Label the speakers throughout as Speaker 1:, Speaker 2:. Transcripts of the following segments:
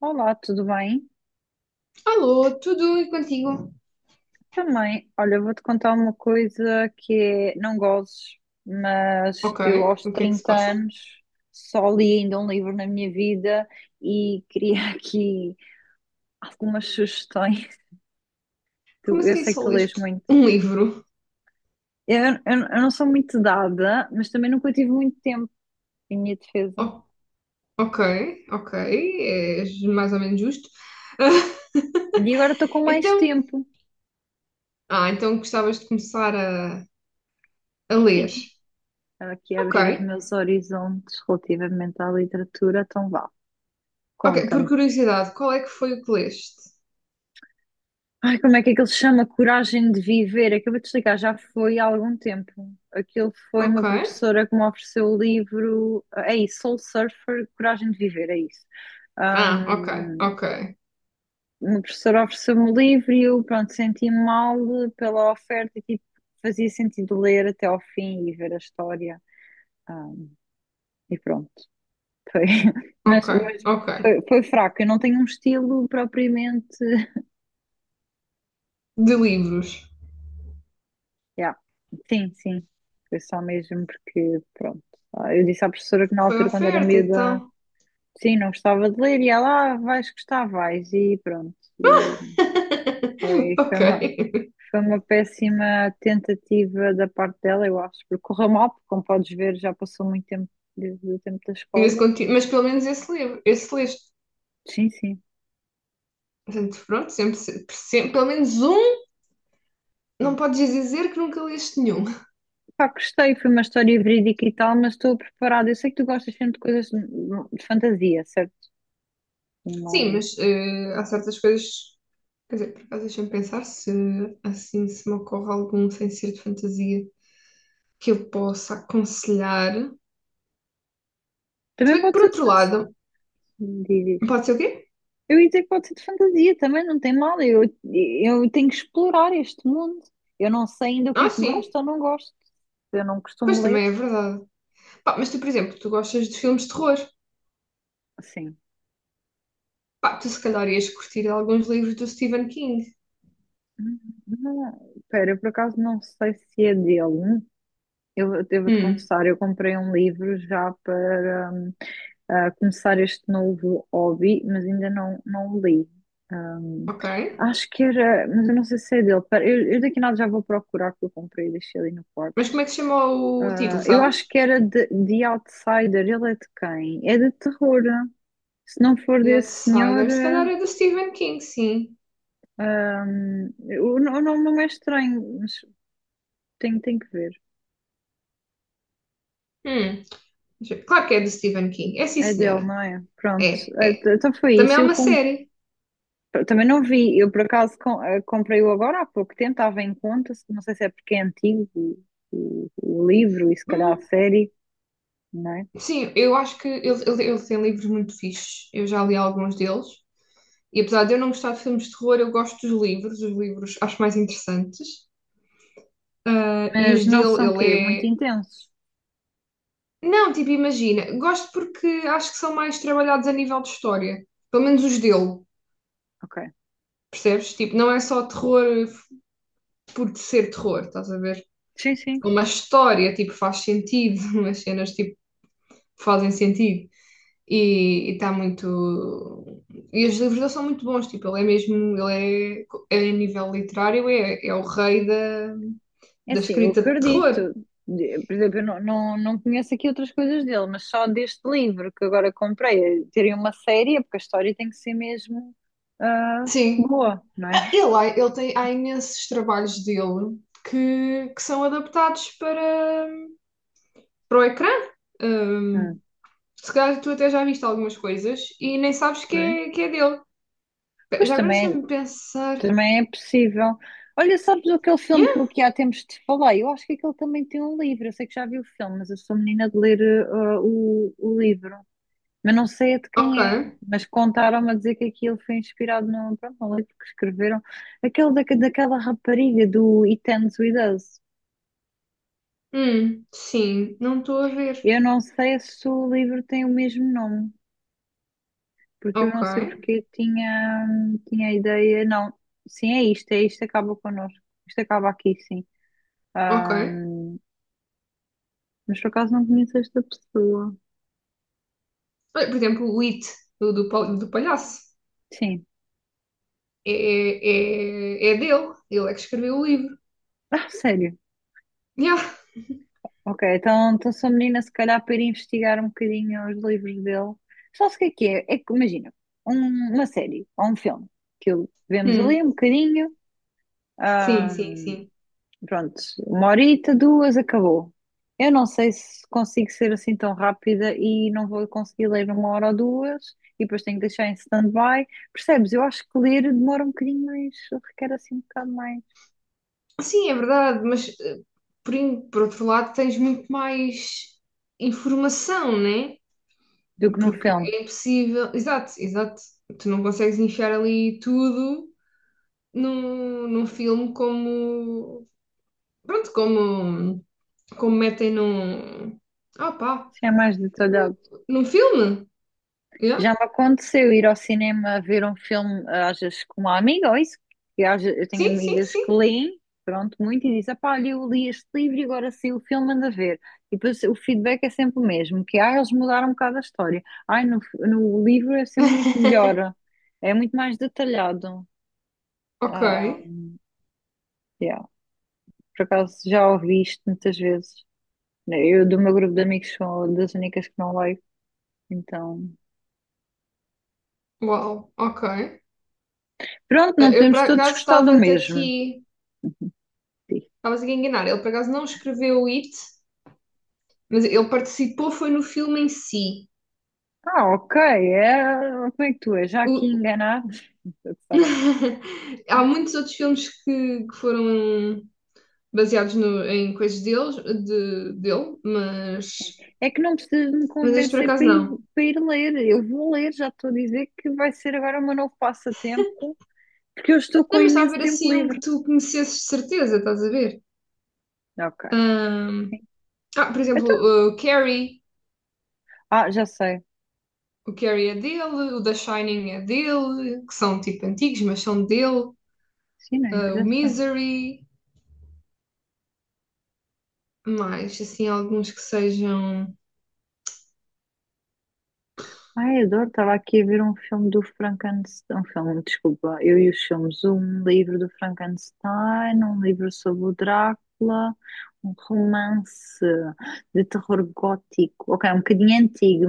Speaker 1: Olá, tudo bem?
Speaker 2: Alô, tudo e contigo?
Speaker 1: Também, olha, eu vou-te contar uma coisa que é, não gozes, mas
Speaker 2: Ok,
Speaker 1: eu aos
Speaker 2: o que é que se
Speaker 1: 30
Speaker 2: passa?
Speaker 1: anos só li ainda um livro na minha vida e queria aqui algumas sugestões.
Speaker 2: Como
Speaker 1: Eu
Speaker 2: assim
Speaker 1: sei que
Speaker 2: só
Speaker 1: tu lês
Speaker 2: leste
Speaker 1: muito.
Speaker 2: um livro?
Speaker 1: Eu não sou muito dada, mas também nunca tive muito tempo em minha defesa.
Speaker 2: O- ok, ok, é mais ou menos justo.
Speaker 1: E agora estou com mais
Speaker 2: Então,
Speaker 1: tempo.
Speaker 2: ah, então gostavas de começar a ler.
Speaker 1: Sim, estava aqui a
Speaker 2: Ok,
Speaker 1: abrir os meus horizontes relativamente à literatura, então vá,
Speaker 2: ok, por
Speaker 1: conta-me.
Speaker 2: curiosidade, qual é que foi o que leste?
Speaker 1: Ai, como é que aquilo se chama? Coragem de Viver. Acabei de explicar, já foi há algum tempo. Aquilo foi uma
Speaker 2: Ok,
Speaker 1: professora que me ofereceu o livro. É isso, Soul Surfer, Coragem de Viver, é isso.
Speaker 2: ah, ok,
Speaker 1: Um,
Speaker 2: ok,
Speaker 1: uma professora ofereceu-me o livro e eu, pronto, senti-me mal pela oferta e tipo, fazia sentido ler até ao fim e ver a história. Ah, e pronto. Foi. Mas,
Speaker 2: ok,
Speaker 1: mas
Speaker 2: ok,
Speaker 1: foi, foi fraco. Eu não tenho um estilo propriamente.
Speaker 2: de livros.
Speaker 1: Yeah. Sim, sim. Foi só mesmo porque, pronto. Eu disse à professora que na
Speaker 2: Foi a
Speaker 1: altura, quando era
Speaker 2: oferta, então.
Speaker 1: miúda, sim, não gostava de ler e ela, ah, vais gostar, vais. E pronto. E foi,
Speaker 2: Ok,
Speaker 1: foi uma péssima tentativa da parte dela, eu acho, porque correu mal, porque como podes ver, já passou muito tempo desde o tempo da
Speaker 2: mas
Speaker 1: escola.
Speaker 2: mas pelo menos esse livro, esse leste.
Speaker 1: Sim, sim.
Speaker 2: Portanto, pronto, sempre, pelo menos um, não podes dizer que nunca leste nenhum.
Speaker 1: Pá, gostei, foi uma história verídica e tal, mas estou preparada. Eu sei que tu gostas sempre de coisas de fantasia, certo? Sim,
Speaker 2: Sim,
Speaker 1: mas
Speaker 2: mas há certas coisas. Quer dizer, por acaso, deixa-me pensar se assim se me ocorre algum sem ser de fantasia que eu possa aconselhar. Se
Speaker 1: também
Speaker 2: bem que,
Speaker 1: pode
Speaker 2: por
Speaker 1: ser de
Speaker 2: outro lado,
Speaker 1: fantasia.
Speaker 2: pode ser o quê?
Speaker 1: Eu ia dizer que pode ser de fantasia também, não tem mal. Eu tenho que explorar este mundo. Eu não sei ainda o que é
Speaker 2: Ah,
Speaker 1: que
Speaker 2: sim,
Speaker 1: gosto ou não gosto. Eu não costumo
Speaker 2: pois
Speaker 1: ler.
Speaker 2: também é verdade. Pá, mas tu, por exemplo, tu gostas de filmes de terror.
Speaker 1: Sim.
Speaker 2: Pá, tu se calhar ias curtir alguns livros do Stephen King.
Speaker 1: Espera, eu por acaso não sei se é dele. Eu devo-te
Speaker 2: Hum,
Speaker 1: confessar, eu comprei um livro já para começar este novo hobby, mas ainda não, não o li. Hum,
Speaker 2: ok.
Speaker 1: acho que era, mas eu não sei se é dele. Pera, eu daqui a nada já vou procurar que eu comprei e deixei ali no quarto.
Speaker 2: Mas como é que se chama o
Speaker 1: Ah,
Speaker 2: título,
Speaker 1: eu
Speaker 2: sabes?
Speaker 1: acho que era de Outsider. Ele é de quem? É de terror. Se não for
Speaker 2: The
Speaker 1: desse senhor,
Speaker 2: Outsider, se calhar é do Stephen King, sim.
Speaker 1: ah, hum, o nome não é estranho, mas tenho que ver.
Speaker 2: Hum, deixa eu ver. Claro que é do Stephen King. É sim,
Speaker 1: É dele,
Speaker 2: senhora.
Speaker 1: não é? Pronto.
Speaker 2: É, é.
Speaker 1: Então foi
Speaker 2: Também
Speaker 1: isso.
Speaker 2: é uma série.
Speaker 1: Também não vi. Eu por acaso comprei-o agora há pouco tempo. Estava em conta. Não sei se é porque é antigo o, o livro e se calhar a
Speaker 2: Hum,
Speaker 1: série, não é?
Speaker 2: sim, eu acho que ele, ele tem livros muito fixes. Eu já li alguns deles. E apesar de eu não gostar de filmes de terror, eu gosto dos livros. Os livros acho mais interessantes. Ah, e
Speaker 1: Mas
Speaker 2: os
Speaker 1: não
Speaker 2: dele,
Speaker 1: são quê? Muito
Speaker 2: ele é.
Speaker 1: intensos.
Speaker 2: Não, tipo, imagina. Gosto porque acho que são mais trabalhados a nível de história. Pelo menos os dele.
Speaker 1: Ok.
Speaker 2: Percebes? Tipo, não é só terror por ser terror, estás a ver?
Speaker 1: Sim, sim.
Speaker 2: Uma história, tipo, faz sentido. Umas cenas, tipo fazem sentido. E está muito. E os livros dele são muito bons, tipo, ele é mesmo, ele é, é a nível literário, é, é o rei
Speaker 1: É
Speaker 2: da
Speaker 1: assim, eu
Speaker 2: escrita de terror.
Speaker 1: acredito. Por exemplo, eu não conheço aqui outras coisas dele, mas só deste livro que agora comprei, terem uma série, é porque a história tem que ser mesmo ah,
Speaker 2: Sim.
Speaker 1: boa, não é?
Speaker 2: Ele tem, há imensos trabalhos dele que são adaptados para o ecrã.
Speaker 1: Ah,
Speaker 2: Hum, se calhar tu até já viste algumas coisas e nem sabes
Speaker 1: ok.
Speaker 2: que é dele.
Speaker 1: Pois
Speaker 2: Já agora
Speaker 1: também,
Speaker 2: deixa-me pensar.
Speaker 1: também é possível. Olha, sabes aquele filme
Speaker 2: Yeah,
Speaker 1: que eu aqui há tempos te falei? Eu acho que aquele também tem um livro. Eu sei que já vi o filme, mas eu sou menina de ler o livro. Mas não sei de quem é,
Speaker 2: ok.
Speaker 1: mas contaram-me a dizer que aquilo foi inspirado num, pronto, num livro que escreveram, aquele da, daquela rapariga do It Ends With Us.
Speaker 2: Sim, não estou a ver.
Speaker 1: Eu não sei se o livro tem o mesmo nome, porque eu
Speaker 2: Ok.
Speaker 1: não sei porque tinha, tinha a ideia, não, sim, é isto, acaba connosco, isto acaba aqui, sim. Ah,
Speaker 2: Ok.
Speaker 1: mas por acaso não conheço esta pessoa.
Speaker 2: Olha, por exemplo, o It, do palhaço,
Speaker 1: Sim.
Speaker 2: é, é, é dele. Ele é que escreveu o livro.
Speaker 1: Ah, sério?
Speaker 2: Yeah.
Speaker 1: Ok, então, então sou menina, se calhar, para ir investigar um bocadinho os livros dele. Só se o que é que é? É que, imagina, uma série ou um filme que vemos ali
Speaker 2: Hum.
Speaker 1: um bocadinho,
Speaker 2: Sim,
Speaker 1: ah,
Speaker 2: sim, sim.
Speaker 1: pronto, uma horita, duas, acabou. Eu não sei se consigo ser assim tão rápida e não vou conseguir ler uma hora ou duas e depois tenho que deixar em stand-by. Percebes? Eu acho que ler demora um bocadinho mais, requer assim um bocado mais
Speaker 2: Sim, é verdade, mas por outro lado tens muito mais informação, né?
Speaker 1: do que no
Speaker 2: Porque
Speaker 1: filme.
Speaker 2: é impossível. Exato, exato. Tu não consegues enfiar ali tudo num filme como. Pronto, como, como metem num. Ah, pá!
Speaker 1: Assim é mais detalhado.
Speaker 2: Num filme? Yeah.
Speaker 1: Já me aconteceu ir ao cinema ver um filme, às vezes com uma amiga, ou isso, que eu tenho
Speaker 2: Sim, sim,
Speaker 1: amigas que
Speaker 2: sim.
Speaker 1: leem, pronto, muito, e dizem, pá, olha, eu li este livro e agora saiu o filme, anda a ver. E depois o feedback é sempre o mesmo, que, ah, eles mudaram um bocado a história. Ai, no livro é sempre muito melhor, é muito mais detalhado.
Speaker 2: Ok,
Speaker 1: Ah, yeah. Por acaso já ouvi isto muitas vezes. Eu, do meu grupo de amigos, sou das únicas que não leio, então...
Speaker 2: uau, ok.
Speaker 1: Pronto, não
Speaker 2: Eu por
Speaker 1: podemos todos
Speaker 2: acaso
Speaker 1: gostar do
Speaker 2: estava-te
Speaker 1: mesmo.
Speaker 2: aqui, estavas aqui a enganar. Ele por acaso não escreveu o It, mas ele participou, foi no filme em si.
Speaker 1: Ah, ok, é... como é que tu és? Já aqui
Speaker 2: O-
Speaker 1: enganado?
Speaker 2: Há muitos outros filmes que foram baseados em coisas deles, dele,
Speaker 1: É que não precisas de me
Speaker 2: mas este por
Speaker 1: convencer
Speaker 2: acaso não.
Speaker 1: para ir ler. Eu vou ler, já estou a dizer que vai ser agora o meu novo passatempo, porque eu estou
Speaker 2: Não,
Speaker 1: com
Speaker 2: mas estava a
Speaker 1: imenso
Speaker 2: ver
Speaker 1: tempo
Speaker 2: assim um que
Speaker 1: livre.
Speaker 2: tu conhecesses de certeza, estás a ver?
Speaker 1: Ok.
Speaker 2: Ahm, ah, por exemplo,
Speaker 1: Então,
Speaker 2: o Carrie.
Speaker 1: ah, já sei.
Speaker 2: O Carrie é dele, o The Shining é dele, que são tipo antigos, mas são dele.
Speaker 1: Sim, não
Speaker 2: Ah, o
Speaker 1: interessa.
Speaker 2: Misery, mais assim, alguns que sejam.
Speaker 1: Ai, adoro, estava aqui a ver um filme do Frankenstein, um filme, desculpa, eu e os filmes, um livro do Frankenstein, um livro sobre o Drácula, um romance de terror gótico, ok, um bocadinho antigo,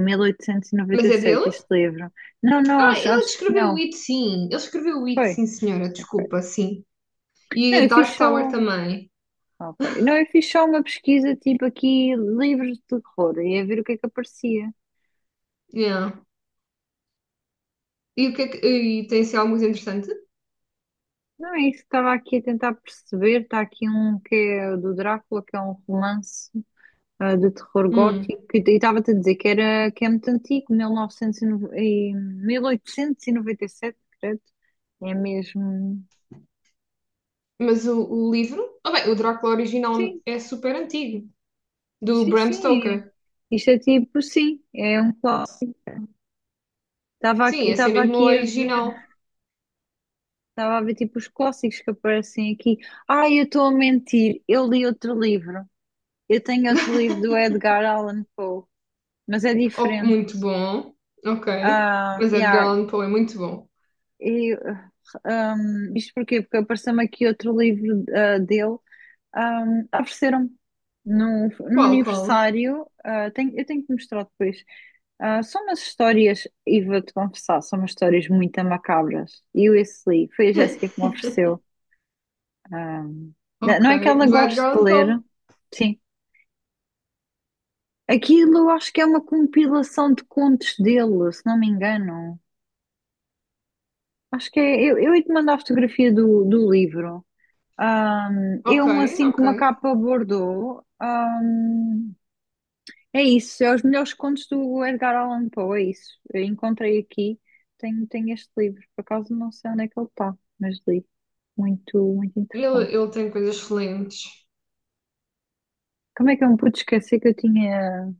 Speaker 2: Mas é
Speaker 1: 1897
Speaker 2: dele?
Speaker 1: este livro. Não, não,
Speaker 2: Ah, ele
Speaker 1: acho,
Speaker 2: é que
Speaker 1: acho que
Speaker 2: escreveu o
Speaker 1: não,
Speaker 2: It, sim. Ele escreveu o It,
Speaker 1: foi,
Speaker 2: sim, senhora,
Speaker 1: ok.
Speaker 2: desculpa, sim. E
Speaker 1: Não, eu fiz
Speaker 2: Dark
Speaker 1: só,
Speaker 2: Tower também.
Speaker 1: ok, não, eu fiz só uma pesquisa tipo aqui, livros de terror, e a ver o que é que aparecia.
Speaker 2: Yeah. E, o que é e tem assim algo muito interessante.
Speaker 1: Não é isso, estava aqui a tentar perceber. Está aqui um que é do Drácula, que é um romance de terror
Speaker 2: Hum.
Speaker 1: gótico. E estava-te a dizer que, era, que é muito antigo, 1909 e 1897, credo. É mesmo.
Speaker 2: Mas o livro? Ah, bem, o Drácula original
Speaker 1: Sim,
Speaker 2: é super antigo, do
Speaker 1: sim,
Speaker 2: Bram
Speaker 1: sim.
Speaker 2: Stoker.
Speaker 1: é. Isto é tipo, sim, é um clássico.
Speaker 2: Sim, esse é
Speaker 1: Estava
Speaker 2: mesmo o
Speaker 1: aqui a ver,
Speaker 2: original.
Speaker 1: estava a ver tipo os clássicos que aparecem aqui. Ai, eu estou a mentir, eu li outro livro. Eu tenho outro livro do Edgar Allan Poe, mas é
Speaker 2: Oh,
Speaker 1: diferente.
Speaker 2: muito bom. Ok.
Speaker 1: Ah,
Speaker 2: Mas Edgar
Speaker 1: yeah,
Speaker 2: Allan Poe é muito bom.
Speaker 1: e, isto porquê? Porque apareceu-me aqui outro livro dele. Ofereceram-me no
Speaker 2: Qual, qual?
Speaker 1: aniversário. Eu tenho que mostrar depois. Ah, são umas histórias, e vou-te confessar, são umas histórias muito macabras. E eu esse li, foi a Jéssica que me ofereceu. Ahm,
Speaker 2: Ok.
Speaker 1: não é que ela
Speaker 2: Do Edgar
Speaker 1: goste de
Speaker 2: Allan Poe.
Speaker 1: ler, sim. Aquilo eu acho que é uma compilação de contos dele, se não me engano. Acho que é. Eu ia te mandar a fotografia do livro. É
Speaker 2: Ok,
Speaker 1: um assim com
Speaker 2: ok.
Speaker 1: uma capa bordô. É isso, é os melhores contos do Edgar Allan Poe, é isso. Eu encontrei aqui, tenho este livro, por acaso não sei onde é que ele está, mas li. Muito
Speaker 2: Ele,
Speaker 1: interessante.
Speaker 2: ele tem coisas excelentes.
Speaker 1: Como é que eu me pude esquecer que eu tinha.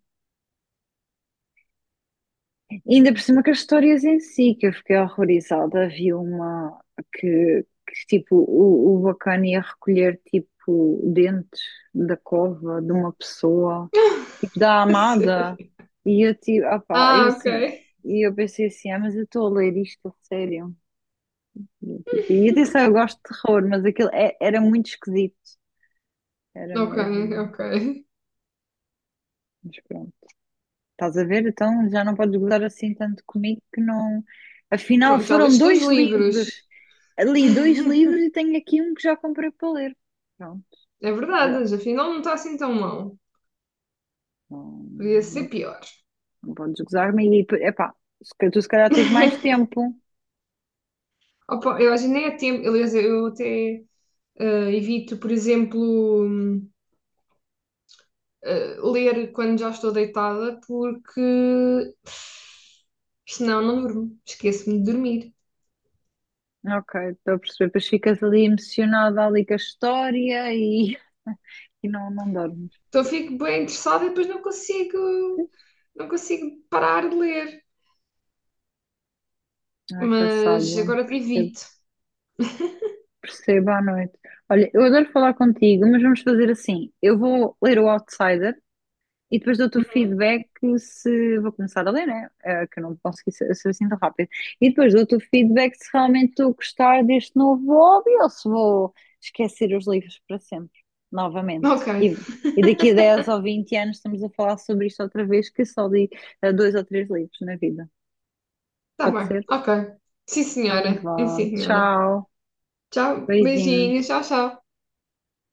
Speaker 1: Ainda por cima que as histórias em si, que eu fiquei horrorizada. Havia uma tipo, o bacana ia recolher, tipo, dentes da cova de uma pessoa. Tipo, da
Speaker 2: A
Speaker 1: Amada.
Speaker 2: sério.
Speaker 1: E eu tipo, opá, eu
Speaker 2: Ah, ok.
Speaker 1: assim, e eu pensei assim, ah, mas eu estou a ler isto a sério. E, eu, tipo, e atenção, eu gosto de terror, mas aquilo era muito esquisito, era
Speaker 2: Ok,
Speaker 1: mesmo.
Speaker 2: ok.
Speaker 1: Mas pronto, estás a ver? Então já não podes gozar assim tanto comigo que não. Afinal,
Speaker 2: Pronto, já
Speaker 1: foram
Speaker 2: leste dois
Speaker 1: dois
Speaker 2: livros.
Speaker 1: livros. Li dois livros e tenho aqui um que já comprei para ler. Pronto,
Speaker 2: É verdade,
Speaker 1: já.
Speaker 2: mas afinal não está assim tão mal.
Speaker 1: Não,
Speaker 2: Podia ser
Speaker 1: não,
Speaker 2: pior.
Speaker 1: não podes gozar-me. E, epá, se calhar- tu se calhar tens mais tempo.
Speaker 2: Opa, eu acho que nem é tempo. Aliás, eu até evito, por exemplo. Ler quando já estou deitada, porque senão não durmo, esqueço-me de dormir.
Speaker 1: Ok, estou a perceber. Depois ficas ali emocionada ali com a história e não dormes.
Speaker 2: Então fico bem interessada e depois não consigo,
Speaker 1: Pois,
Speaker 2: não consigo parar de ler.
Speaker 1: não é passado,
Speaker 2: Mas agora te
Speaker 1: percebo,
Speaker 2: evito.
Speaker 1: percebo à noite. Olha, eu adoro falar contigo, mas vamos fazer assim. Eu vou ler o Outsider e depois dou-te o
Speaker 2: Uhum.
Speaker 1: feedback se vou começar a ler, né? Eh, que eu não consegui ser assim tão rápido. E depois dou-te o feedback se realmente estou a gostar deste novo hobby ou se vou esquecer os livros para sempre, novamente.
Speaker 2: Ok,
Speaker 1: E, e daqui a 10 ou 20 anos estamos a falar sobre isto outra vez, que só li dois ou três livros na vida.
Speaker 2: está
Speaker 1: Pode
Speaker 2: bem,
Speaker 1: ser?
Speaker 2: ok. Sim,
Speaker 1: Então
Speaker 2: senhora. Sim,
Speaker 1: vá.
Speaker 2: senhora.
Speaker 1: Tchau.
Speaker 2: Tchau,
Speaker 1: Beijinho.
Speaker 2: beijinhos, tchau, tchau.